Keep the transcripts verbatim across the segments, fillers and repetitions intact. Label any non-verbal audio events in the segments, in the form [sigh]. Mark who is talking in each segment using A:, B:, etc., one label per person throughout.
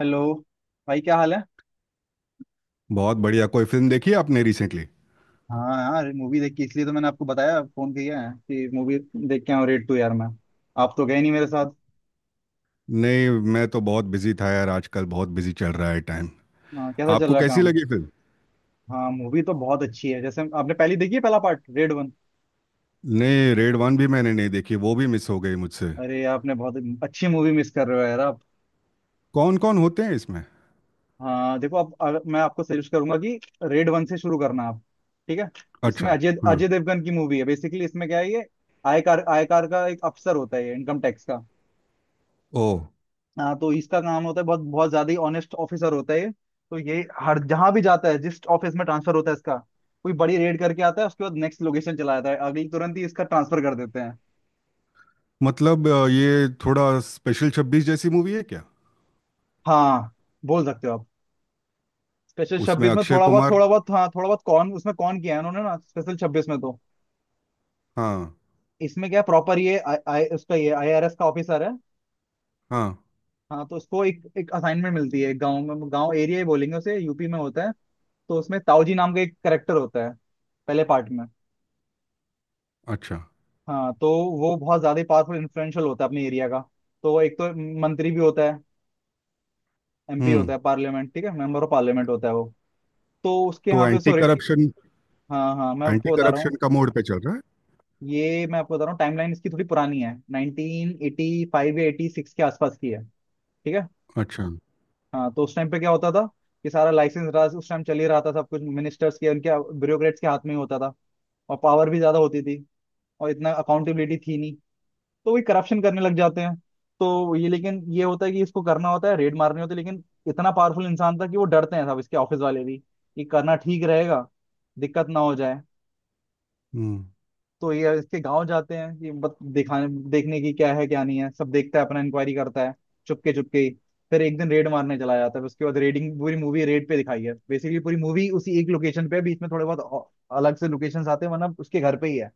A: Hello. भाई, क्या हाल है?
B: बहुत बढ़िया। कोई फिल्म देखी है आपने रिसेंटली?
A: हाँ यार, मूवी देख के इसलिए तो मैंने आपको बताया, फोन किया है कि मूवी देख के आऊँ रेड टू। यार मैं, आप तो गए नहीं मेरे साथ।
B: नहीं, मैं तो बहुत बिजी था यार। आजकल बहुत बिजी चल रहा है टाइम।
A: हाँ, कैसा चल
B: आपको
A: रहा
B: कैसी
A: काम?
B: लगी फिल्म?
A: हाँ, मूवी तो बहुत अच्छी है। जैसे आपने पहली देखी है, पहला पार्ट रेड वन।
B: नहीं, रेड वन भी मैंने नहीं देखी, वो भी मिस हो गई मुझसे।
A: अरे आपने बहुत अच्छी मूवी मिस कर रहे हो यार आप।
B: कौन कौन होते हैं इसमें?
A: हाँ देखो, आप अगर- मैं आपको सजेस्ट करूंगा कि रेड वन से शुरू करना आप। ठीक है। इसमें
B: अच्छा।
A: अजय
B: हाँ।
A: अजय देवगन की मूवी है बेसिकली। इसमें क्या है ये, आयकार आयकार का एक अफसर होता है इनकम टैक्स का।
B: ओ।
A: हाँ तो इसका काम होता है, बहुत बहुत ज्यादा ही ऑनेस्ट ऑफिसर होता है ये। तो ये हर जहां भी जाता है, जिस ऑफिस में ट्रांसफर होता है इसका, कोई बड़ी रेड करके आता है। उसके बाद नेक्स्ट लोकेशन चला जाता है, अगली तुरंत ही इसका ट्रांसफर कर देते हैं।
B: मतलब, अ, ये थोड़ा स्पेशल छब्बीस जैसी मूवी है क्या?
A: हाँ, बोल सकते हो आप। स्पेशल
B: उसमें
A: छब्बीस में
B: अक्षय
A: थोड़ा बहुत,
B: कुमार।
A: थोड़ा बहुत हाँ, थोड़ा बहुत। कौन उसमें, कौन किया है उन्होंने ना स्पेशल छब्बीस में तो?
B: हाँ।
A: इसमें क्या प्रॉपर ये आई आई- उसका ये आईआरएस का ऑफिसर है।
B: हाँ।
A: हाँ तो उसको एक एक असाइनमेंट मिलती है गांव में। गांव एरिया ही बोलेंगे उसे, यूपी में होता है। तो उसमें ताऊजी नाम का एक करेक्टर होता है पहले पार्ट में।
B: अच्छा।
A: हाँ तो वो बहुत ज्यादा पावरफुल इन्फ्लुएंशियल होता है अपने एरिया का। तो वो एक तो मंत्री भी होता है, एमपी होता
B: हम्म।
A: है पार्लियामेंट, ठीक है, मेंबर ऑफ पार्लियामेंट होता है वो। तो उसके
B: तो
A: यहाँ पे
B: एंटी
A: सॉरी।
B: करप्शन
A: हाँ हाँ, मैं
B: एंटी
A: आपको बता रहा हूँ।
B: करप्शन का मोड पे चल रहा है।
A: ये मैं आपको बता रहा हूँ, टाइमलाइन इसकी थोड़ी पुरानी है, नाइनटीन एटी फ़ाइव या एटी सिक्स के आसपास की है। ठीक है।
B: अच्छा।
A: हाँ तो उस टाइम पे क्या होता था कि सारा लाइसेंस राज उस टाइम चल ही रहा था। सब कुछ मिनिस्टर्स के, उनके ब्यूरोक्रेट्स के हाथ में ही होता था, और पावर भी ज्यादा होती थी और इतना अकाउंटेबिलिटी थी नहीं। तो वही करप्शन करने लग जाते हैं। तो ये, लेकिन ये होता है कि इसको करना होता है, रेड मारनी होती है, लेकिन इतना पावरफुल इंसान था कि वो डरते हैं, सब इसके ऑफिस वाले भी, कि करना ठीक रहेगा, दिक्कत ना हो जाए।
B: हम्म।
A: तो ये इसके गांव जाते हैं कि बत दिखाने, देखने की क्या है क्या नहीं है, सब देखता है, अपना इंक्वायरी करता है चुपके चुपके ही। फिर एक दिन रेड मारने चला जाता है। फिर उसके बाद रेडिंग, पूरी मूवी रेड पे दिखाई है बेसिकली। पूरी मूवी उसी एक लोकेशन पे है, बीच में थोड़े बहुत औ- अलग से लोकेशंस आते हैं, वरना उसके घर पे ही है।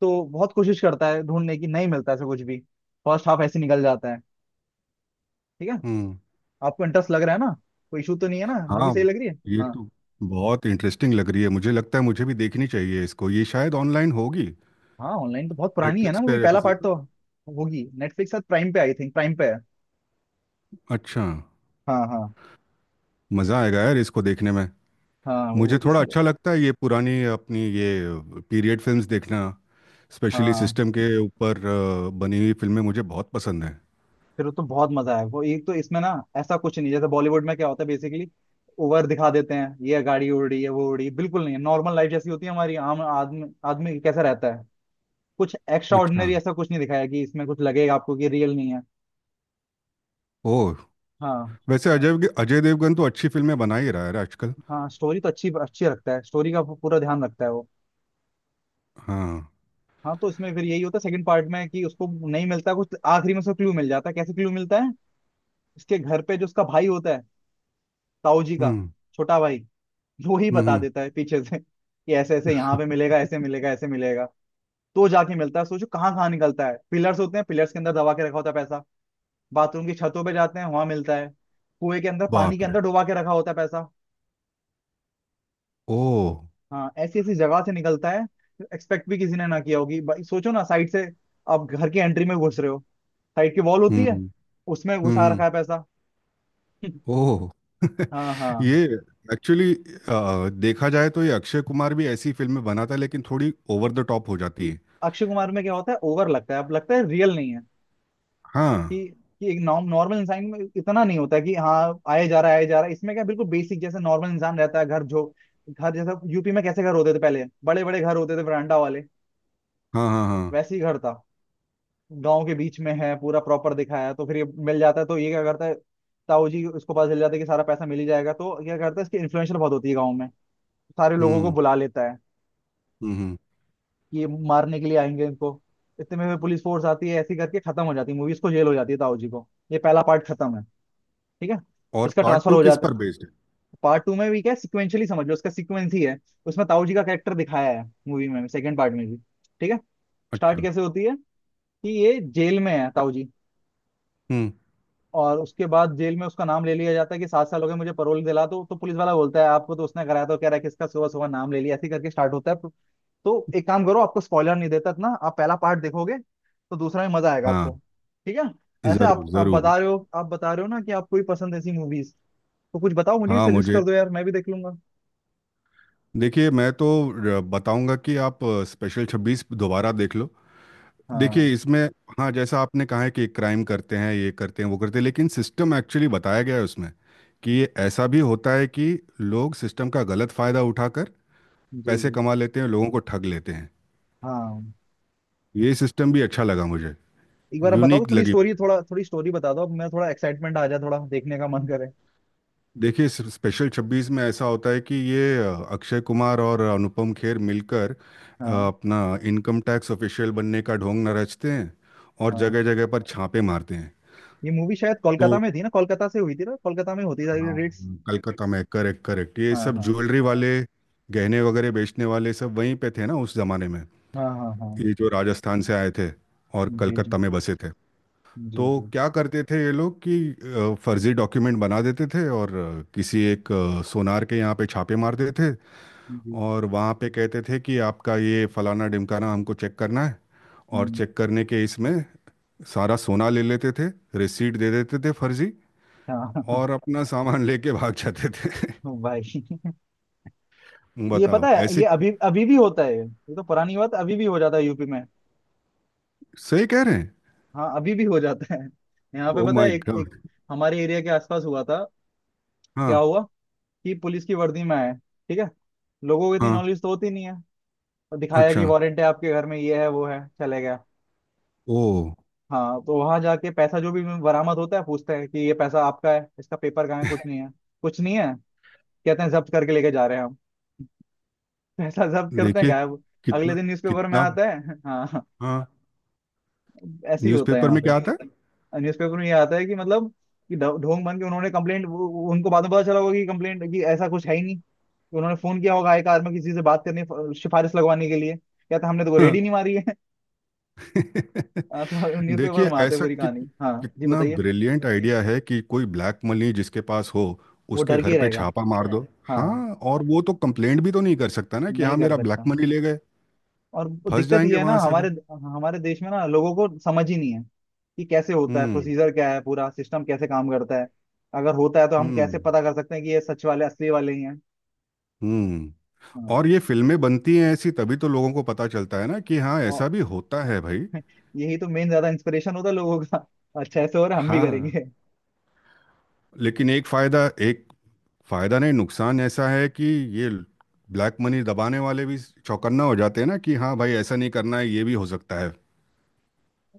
A: तो बहुत कोशिश करता है ढूंढने की, नहीं मिलता ऐसा कुछ भी। फर्स्ट हाफ ऐसे निकल जाता है। ठीक है।
B: हम्म।
A: आपको इंटरेस्ट लग रहा है ना? कोई इशू तो नहीं है ना, मूवी
B: हाँ,
A: सही लग रही है?
B: ये
A: हाँ
B: तो बहुत इंटरेस्टिंग लग रही है। मुझे लगता है मुझे भी देखनी चाहिए इसको। ये शायद ऑनलाइन होगी।
A: हाँ, ऑनलाइन तो बहुत पुरानी है ना
B: नेटफ्लिक्स पे
A: मूवी,
B: या
A: पहला
B: किसी
A: पार्ट
B: पे?
A: तो होगी। नेटफ्लिक्स शायद, प्राइम पे आई थिंक, प्राइम पे है।
B: अच्छा।
A: हाँ हाँ
B: मज़ा आएगा यार इसको देखने में।
A: हाँ, वो
B: मुझे थोड़ा
A: इसी।
B: अच्छा लगता है ये पुरानी अपनी ये पीरियड फिल्म्स देखना। स्पेशली
A: हाँ,
B: सिस्टम के ऊपर अ, बनी हुई फिल्में मुझे बहुत पसंद है।
A: फिर तो बहुत मजा है। वो एक तो इसमें ना, ऐसा कुछ नहीं जैसे बॉलीवुड में क्या होता है बेसिकली, ओवर दिखा देते हैं, ये गाड़ी उड़ रही है वो उड़ रही है, बिल्कुल नहीं है। नॉर्मल लाइफ जैसी होती है हमारी, आम आदमी आदमी कैसा रहता है। कुछ एक्स्ट्रा
B: अच्छा।
A: ऑर्डिनरी ऐसा कुछ नहीं दिखाया कि इसमें कुछ लगेगा आपको कि रियल नहीं है।
B: ओह।
A: हाँ
B: वैसे अजय अजय देवगन तो अच्छी फिल्में बना ही रहा है आजकल।
A: हाँ, स्टोरी तो अच्छी अच्छी रखता है, स्टोरी का पूरा ध्यान रखता है वो।
B: हाँ।
A: हाँ तो इसमें फिर यही होता है सेकंड पार्ट में, कि उसको नहीं मिलता कुछ, आखिरी में उसको क्लू मिल जाता है। कैसे क्लू मिलता है, इसके घर पे जो उसका भाई होता है, ताऊ जी का
B: हम्म।
A: छोटा भाई, वो ही
B: हम्म।
A: बता
B: हम्म।
A: देता है पीछे से [laughs] कि ऐसे ऐसे यहाँ पे मिलेगा, ऐसे मिलेगा, ऐसे मिलेगा। तो जाके मिलता है। सोचो, कहाँ कहाँ निकलता है। पिलर्स होते हैं, पिलर्स के अंदर दबा के रखा होता है पैसा। बाथरूम की छतों पे जाते हैं, वहां मिलता है। कुएं के अंदर, पानी के
B: बाप रे।
A: अंदर डुबा के रखा होता है पैसा।
B: ओह।
A: हाँ, ऐसी ऐसी जगह से निकलता है। एक्सपेक्ट भी किसी ने ना किया होगी भाई। सोचो ना, साइड से आप घर की एंट्री में घुस रहे हो, साइड की वॉल होती है,
B: हम्म।
A: उसमें
B: हम्म।
A: घुसा रखा
B: हम्म।
A: है पैसा। [laughs]
B: ओह।
A: हाँ हाँ।
B: ये एक्चुअली देखा जाए तो ये अक्षय कुमार भी ऐसी फिल्में बनाता है, लेकिन थोड़ी ओवर द टॉप हो जाती है।
A: अक्षय कुमार में क्या होता है, ओवर लगता है, अब लगता है रियल नहीं है।
B: हाँ।
A: कि कि एक नॉर्मल इंसान में इतना नहीं होता है कि हाँ आए जा रहा है आए जा रहा है। इसमें क्या, बिल्कुल बेसिक जैसे नॉर्मल इंसान रहता है। घर जो घर जैसा यूपी में, कैसे घर होते थे पहले, बड़े बड़े घर होते थे वरांडा वाले।
B: हाँ। हाँ। हाँ।
A: वैसे ही घर था। गांव के बीच में है, पूरा प्रॉपर दिखाया है। तो फिर ये मिल जाता है, तो ये क्या करता है, ताऊ जी उसको पता चल जाता है कि सारा पैसा मिल ही जाएगा। तो क्या करता है, इसकी इन्फ्लुएंशियल बहुत होती है गाँव में, सारे लोगों को
B: हम्म।
A: बुला लेता है
B: हम्म। हम्म।
A: ये, मारने के लिए आएंगे इनको। इतने में पुलिस फोर्स आती है, ऐसी करके खत्म हो जाती है मूवीज को। जेल हो जाती है ताऊ जी को। ये पहला पार्ट खत्म है। ठीक है।
B: और
A: इसका
B: पार्ट
A: ट्रांसफर
B: टू
A: हो
B: किस
A: जाता है।
B: पर बेस्ड है?
A: पार्ट टू में भी क्या है, सिक्वेंशियली समझ लो, उसका सीक्वेंस ही है। उसमें ताऊ जी का कैरेक्टर दिखाया है मूवी में सेकंड पार्ट में भी। ठीक है। स्टार्ट
B: अच्छा।
A: कैसे होती है, कि ये जेल में है ताऊ जी,
B: हम्म।
A: और उसके बाद जेल में उसका नाम ले लिया जाता है कि सात साल हो गए मुझे, परोल दिला दो। तो पुलिस वाला बोलता है आपको, तो उसने कराया, तो कह रहा है कि इसका सुबह सुबह नाम ले लिया। ऐसे ही करके स्टार्ट होता है। तो एक काम करो, आपको स्पॉइलर नहीं देता इतना, आप पहला पार्ट देखोगे तो दूसरा में मजा आएगा आपको।
B: हाँ,
A: ठीक है। ऐसे
B: जरूर
A: आप आप
B: जरूर।
A: बता रहे हो, आप बता रहे हो ना कि आपको भी पसंद है ऐसी मूवीज। तो कुछ बताओ मुझे भी,
B: हाँ,
A: सजेस्ट
B: मुझे
A: कर दो यार, मैं भी देख लूंगा।
B: देखिए, मैं तो र- बताऊंगा कि आप स्पेशल छब्बीस दोबारा देख लो।
A: हाँ,
B: देखिए, इसमें, हाँ, जैसा आपने कहा है कि क्राइम करते हैं, ये करते हैं, वो करते हैं, लेकिन सिस्टम एक्चुअली बताया गया है उसमें कि ये ऐसा भी होता है कि लोग सिस्टम का गलत फायदा उठाकर
A: जी
B: पैसे
A: जी,
B: कमा लेते हैं, लोगों को ठग लेते हैं।
A: हाँ।
B: ये सिस्टम भी अच्छा लगा मुझे।
A: एक बार आप बताओ तो,
B: यूनिक
A: थोड़ी
B: लगी।
A: स्टोरी, थोड़ा थोड़ी स्टोरी बता दो। अब मैं थोड़ा एक्साइटमेंट आ जाए, थोड़ा देखने का मन करे।
B: देखिए, स्पेशल छब्बीस में ऐसा होता है कि ये अ, अक्षय कुमार और अनुपम खेर मिलकर अ,
A: हाँ
B: अपना इनकम टैक्स ऑफिशियल बनने का ढोंग न रचते हैं और
A: हाँ।
B: जगह जगह पर छापे मारते हैं।
A: ये मूवी शायद कोलकाता
B: तो
A: में थी ना, कोलकाता से हुई थी ना, कोलकाता में होती सारी
B: हाँ,
A: रेट्स।
B: कलकत्ता में, करेक्ट, करेक्ट, ये
A: हाँ
B: सब
A: हाँ
B: ज्वेलरी वाले गहने वगैरह बेचने वाले सब वहीं पे थे ना उस जमाने में।
A: हाँ हाँ हाँ।
B: ये जो राजस्थान से आए थे और
A: जी
B: कलकत्ता
A: जी
B: में बसे थे।
A: जी
B: तो
A: जी
B: क्या करते थे ये लोग कि अ, फर्जी डॉक्यूमेंट बना देते थे और अ, किसी एक अ, सोनार के यहाँ पे छापे मार देते थे।
A: जी।
B: और वहाँ पे कहते थे कि आपका ये फलाना ढिमकाना हमको चेक करना है। और
A: हम्म,
B: चेक करने के इसमें सारा सोना ले लेते थे, रिसीट दे देते थे फर्जी,
A: हाँ।
B: और अपना सामान [laughs] लेके भाग जाते थे।
A: [laughs] भाई,
B: [laughs]
A: ये पता
B: बताओ
A: है
B: ऐसे।
A: ये अभी अभी भी होता है। ये ये तो पुरानी बात, अभी भी हो जाता है यूपी में।
B: सही कह रहे हैं।
A: हाँ, अभी भी हो जाता है। यहाँ पे
B: ओ
A: पता है,
B: माय
A: एक एक
B: गॉड।
A: हमारे एरिया के आसपास हुआ था। क्या
B: हाँ।
A: हुआ, कि पुलिस की वर्दी में आए, ठीक है, लोगों को इतनी
B: हाँ।
A: नॉलेज तो होती नहीं है, और दिखाया
B: अच्छा।
A: कि वारंट है आपके घर में ये है वो है, चले गया।
B: ओ।
A: हाँ तो वहां जाके पैसा जो भी बरामद होता है, पूछते हैं कि ये पैसा आपका है, इसका पेपर कहाँ है, कुछ नहीं है, कुछ नहीं है। कहते हैं जब्त करके लेके जा रहे हैं हम। [laughs] पैसा जब्त करते हैं,
B: देखिए,
A: गायब। अगले
B: कितना,
A: दिन न्यूज़पेपर में
B: कितना।
A: आता है। [laughs] हाँ,
B: हाँ।
A: ऐसे ही होता है
B: न्यूज़पेपर
A: यहाँ
B: में
A: पे।
B: क्या आता है?
A: न्यूज़पेपर में ये आता है कि मतलब कि ढो- ढोंग बन के उन्होंने कंप्लेंट, उनको बाद में पता चला होगा कि कंप्लेंट, कि ऐसा कुछ है ही नहीं, कि उन्होंने फोन किया होगा एक आदमी किसी से बात करने, फ- सिफारिश लगवाने के लिए, क्या था हमने तो रेडी नहीं
B: [laughs]
A: मारी है। [laughs]
B: देखिए,
A: हाँ, तो न्यूज़पेपर में आते
B: ऐसा
A: पूरी
B: कित,
A: कहानी। हाँ, जी
B: कितना
A: बताइए,
B: ब्रिलियंट आइडिया है कि कोई ब्लैक मनी जिसके पास हो,
A: वो
B: उसके
A: डर के
B: घर
A: ही
B: पे
A: रहेगा।
B: छापा मार दो।
A: हाँ,
B: हाँ, और वो तो कंप्लेंट भी तो नहीं कर सकता ना कि हाँ,
A: नहीं कर
B: मेरा ब्लैक
A: सकता।
B: मनी ले गए।
A: और
B: फंस
A: दिक्कत
B: जाएंगे
A: ये है ना,
B: वहां से भी।
A: हमारे हमारे देश में ना लोगों को समझ ही नहीं है कि कैसे होता है,
B: हम्म।
A: प्रोसीजर क्या है, पूरा सिस्टम कैसे काम करता है, अगर होता है तो हम कैसे
B: हम्म।
A: पता कर सकते हैं कि ये सच वाले असली वाले ही हैं।
B: हम्म।
A: हाँ।
B: और ये फिल्में बनती हैं ऐसी, तभी तो लोगों को पता चलता है ना कि हाँ, ऐसा
A: औ-
B: भी होता है भाई।
A: यही तो मेन ज्यादा इंस्पिरेशन होता है लोगों का। अच्छा ऐसे हो रहा है, हम भी
B: हाँ,
A: करेंगे।
B: लेकिन एक फायदा एक फायदा नहीं, नुकसान ऐसा है कि ये ब्लैक मनी दबाने वाले भी चौकन्ना हो जाते हैं ना कि हाँ भाई, ऐसा नहीं करना है, ये भी हो सकता है।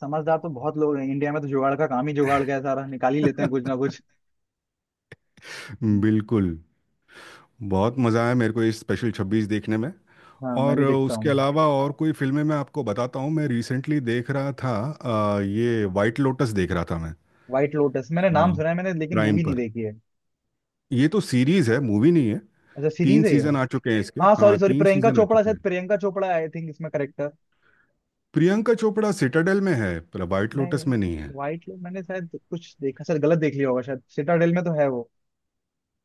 A: समझदार तो बहुत लोग हैं इंडिया में, तो जुगाड़ का काम ही, जुगाड़ का है सारा, निकाल ही लेते हैं कुछ ना
B: [laughs]
A: कुछ।
B: बिल्कुल। बहुत मज़ा आया मेरे को इस स्पेशल छब्बीस देखने में।
A: हाँ, मैं
B: और
A: भी देखता
B: उसके
A: हूँ।
B: अलावा और कोई फिल्में मैं आपको बताता हूँ। मैं रिसेंटली देख रहा था अ, ये वाइट लोटस देख रहा था मैं।
A: व्हाइट लोटस मैंने नाम सुना है मैंने, लेकिन
B: प्राइम
A: मूवी नहीं
B: पर।
A: देखी है।
B: ये तो सीरीज है, मूवी नहीं है।
A: अच्छा,
B: तीन
A: सीरीज है ये।
B: सीजन आ चुके हैं इसके,
A: हाँ,
B: हाँ,
A: सॉरी सॉरी,
B: तीन
A: प्रियंका
B: सीजन आ
A: चोपड़ा
B: चुके
A: शायद,
B: हैं।
A: प्रियंका चोपड़ा आई थिंक इसमें करेक्टर।
B: प्रियंका चोपड़ा सिटाडेल में है पर वाइट
A: नहीं।
B: लोटस में नहीं।
A: व्हाइट मैंने शायद कुछ देखा, शायद गलत देख लिया होगा शायद। सिटाडेल में तो है वो।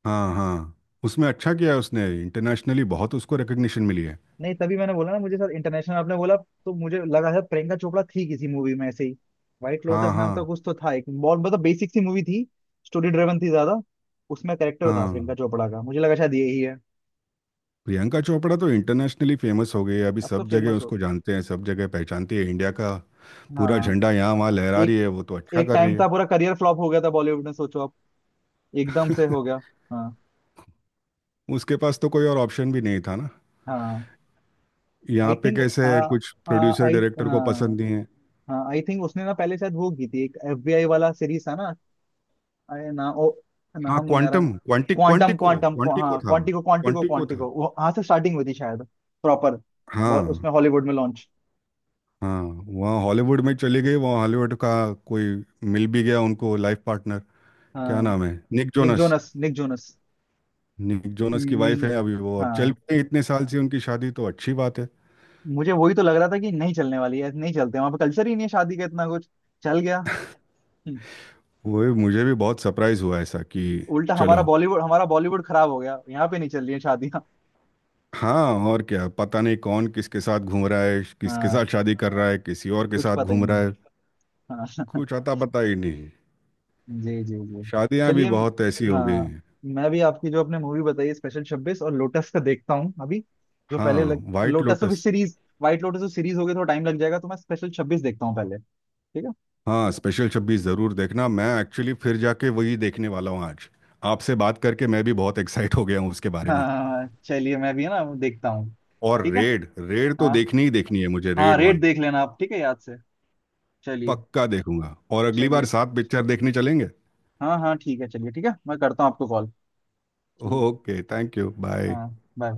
B: हाँ। हाँ, उसमें अच्छा किया है उसने, इंटरनेशनली बहुत उसको रिकग्निशन मिली है।
A: नहीं, तभी मैंने बोला ना, मुझे सर इंटरनेशनल आपने बोला, तो मुझे लगा सर प्रियंका चोपड़ा थी किसी मूवी में ऐसे ही। व्हाइट लोटस
B: हाँ।
A: नाम का
B: हाँ।
A: कुछ तो था, एक बहुत मतलब बेसिक सी मूवी थी, स्टोरी ड्रिवन थी ज्यादा। उसमें कैरेक्टर था प्रियंका
B: हाँ,
A: चोपड़ा का, मुझे लगा शायद यही है।
B: प्रियंका चोपड़ा तो इंटरनेशनली फेमस हो गई है अभी,
A: अब तो
B: सब जगह
A: फेमस हो
B: उसको
A: गए।
B: जानते हैं, सब जगह पहचानती है इंडिया का। पूरा
A: हाँ।
B: झंडा यहाँ वहाँ लहरा रही है
A: एक
B: वो, तो अच्छा
A: एक
B: कर रही
A: टाइम
B: है।
A: था, पूरा करियर फ्लॉप हो गया था बॉलीवुड में। सोचो आप, एकदम से हो गया। हाँ
B: उसके पास तो कोई और ऑप्शन भी नहीं था ना।
A: हाँ। आई
B: यहाँ पे
A: थिंक
B: कैसे, कुछ प्रोड्यूसर
A: आई
B: डायरेक्टर को
A: हाँ।
B: पसंद नहीं है।
A: हाँ, आई थिंक उसने ना पहले शायद वो की थी, एक एफबीआई वाला सीरीज था ना। अरे ना, ओ,
B: हाँ,
A: नाम नहीं आ रहा।
B: क्वांटम, क्वांटिक,
A: क्वांटम
B: क्वांटिको,
A: क्वांटम,
B: क्वांटिको
A: हाँ,
B: था।
A: क्वांटिको क्वांटिको
B: क्वांटिको था।
A: क्वांटिको वो, हाँ से स्टार्टिंग हुई थी शायद, प्रॉपर।
B: हाँ।
A: उसमें हॉलीवुड में लॉन्च।
B: हाँ, वहाँ हॉलीवुड में चले गए, वहाँ हॉलीवुड का कोई मिल भी गया उनको लाइफ पार्टनर। क्या
A: हाँ,
B: नाम है, Nick
A: Nick
B: Jonas.
A: Jonas, Nick Jonas
B: Nick Jonas की वाइफ है
A: म्यूजियम।
B: अभी वो, और चल
A: हाँ,
B: भी रही है इतने साल से उनकी शादी, तो अच्छी बात है।
A: मुझे वही तो लग रहा था कि नहीं चलने वाली है, नहीं चलते वहां पे, कल्चर ही नहीं है शादी का इतना कुछ। चल गया। हम्म,
B: वो भी- मुझे भी बहुत सरप्राइज हुआ ऐसा कि
A: उल्टा हमारा
B: चलो,
A: बॉलीवुड, हमारा बॉलीवुड खराब हो गया। यहाँ पे नहीं चल रही है शादियाँ।
B: हाँ, और क्या पता नहीं, कौन किसके साथ घूम रहा है, किसके साथ
A: हाँ,
B: शादी कर रहा है, किसी और के
A: कुछ
B: साथ
A: पता ही
B: घूम रहा
A: नहीं।
B: है।
A: हाँ,
B: कुछ अता पता ही नहीं।
A: जी जी जी।
B: शादियां भी
A: चलिए म-
B: बहुत ऐसी हो गई
A: हाँ,
B: हैं।
A: मैं भी आपकी, जो आपने मूवी बताई स्पेशल छब्बीस और लोटस, का देखता हूँ अभी। जो पहले
B: हाँ,
A: लग
B: वाइट
A: लोटस, अभी
B: लोटस।
A: सीरीज व्हाइट लोटस तो सीरीज होगी, थोड़ा टाइम लग जाएगा, तो मैं स्पेशल छब्बीस देखता हूँ पहले। ठीक है।
B: हाँ, स्पेशल छब्बीस ज़रूर देखना। मैं एक्चुअली फिर जाके वही देखने वाला हूँ आज। आपसे बात करके मैं भी बहुत एक्साइट हो गया हूँ उसके बारे में।
A: हाँ चलिए, मैं भी है ना वो देखता हूँ।
B: और
A: ठीक है।
B: रेड, रेड तो
A: हाँ
B: देखनी ही देखनी है मुझे,
A: हाँ,
B: रेड
A: रेट
B: वन।
A: देख लेना आप, ठीक है, याद से। चलिए।
B: पक्का देखूंगा। और अगली बार
A: चलिए,
B: साथ पिक्चर देखने चलेंगे।
A: हाँ हाँ, ठीक है, चलिए, ठीक है। मैं करता हूँ आपको कॉल। ठीक।
B: Okay, thank you, bye.
A: हाँ, बाय।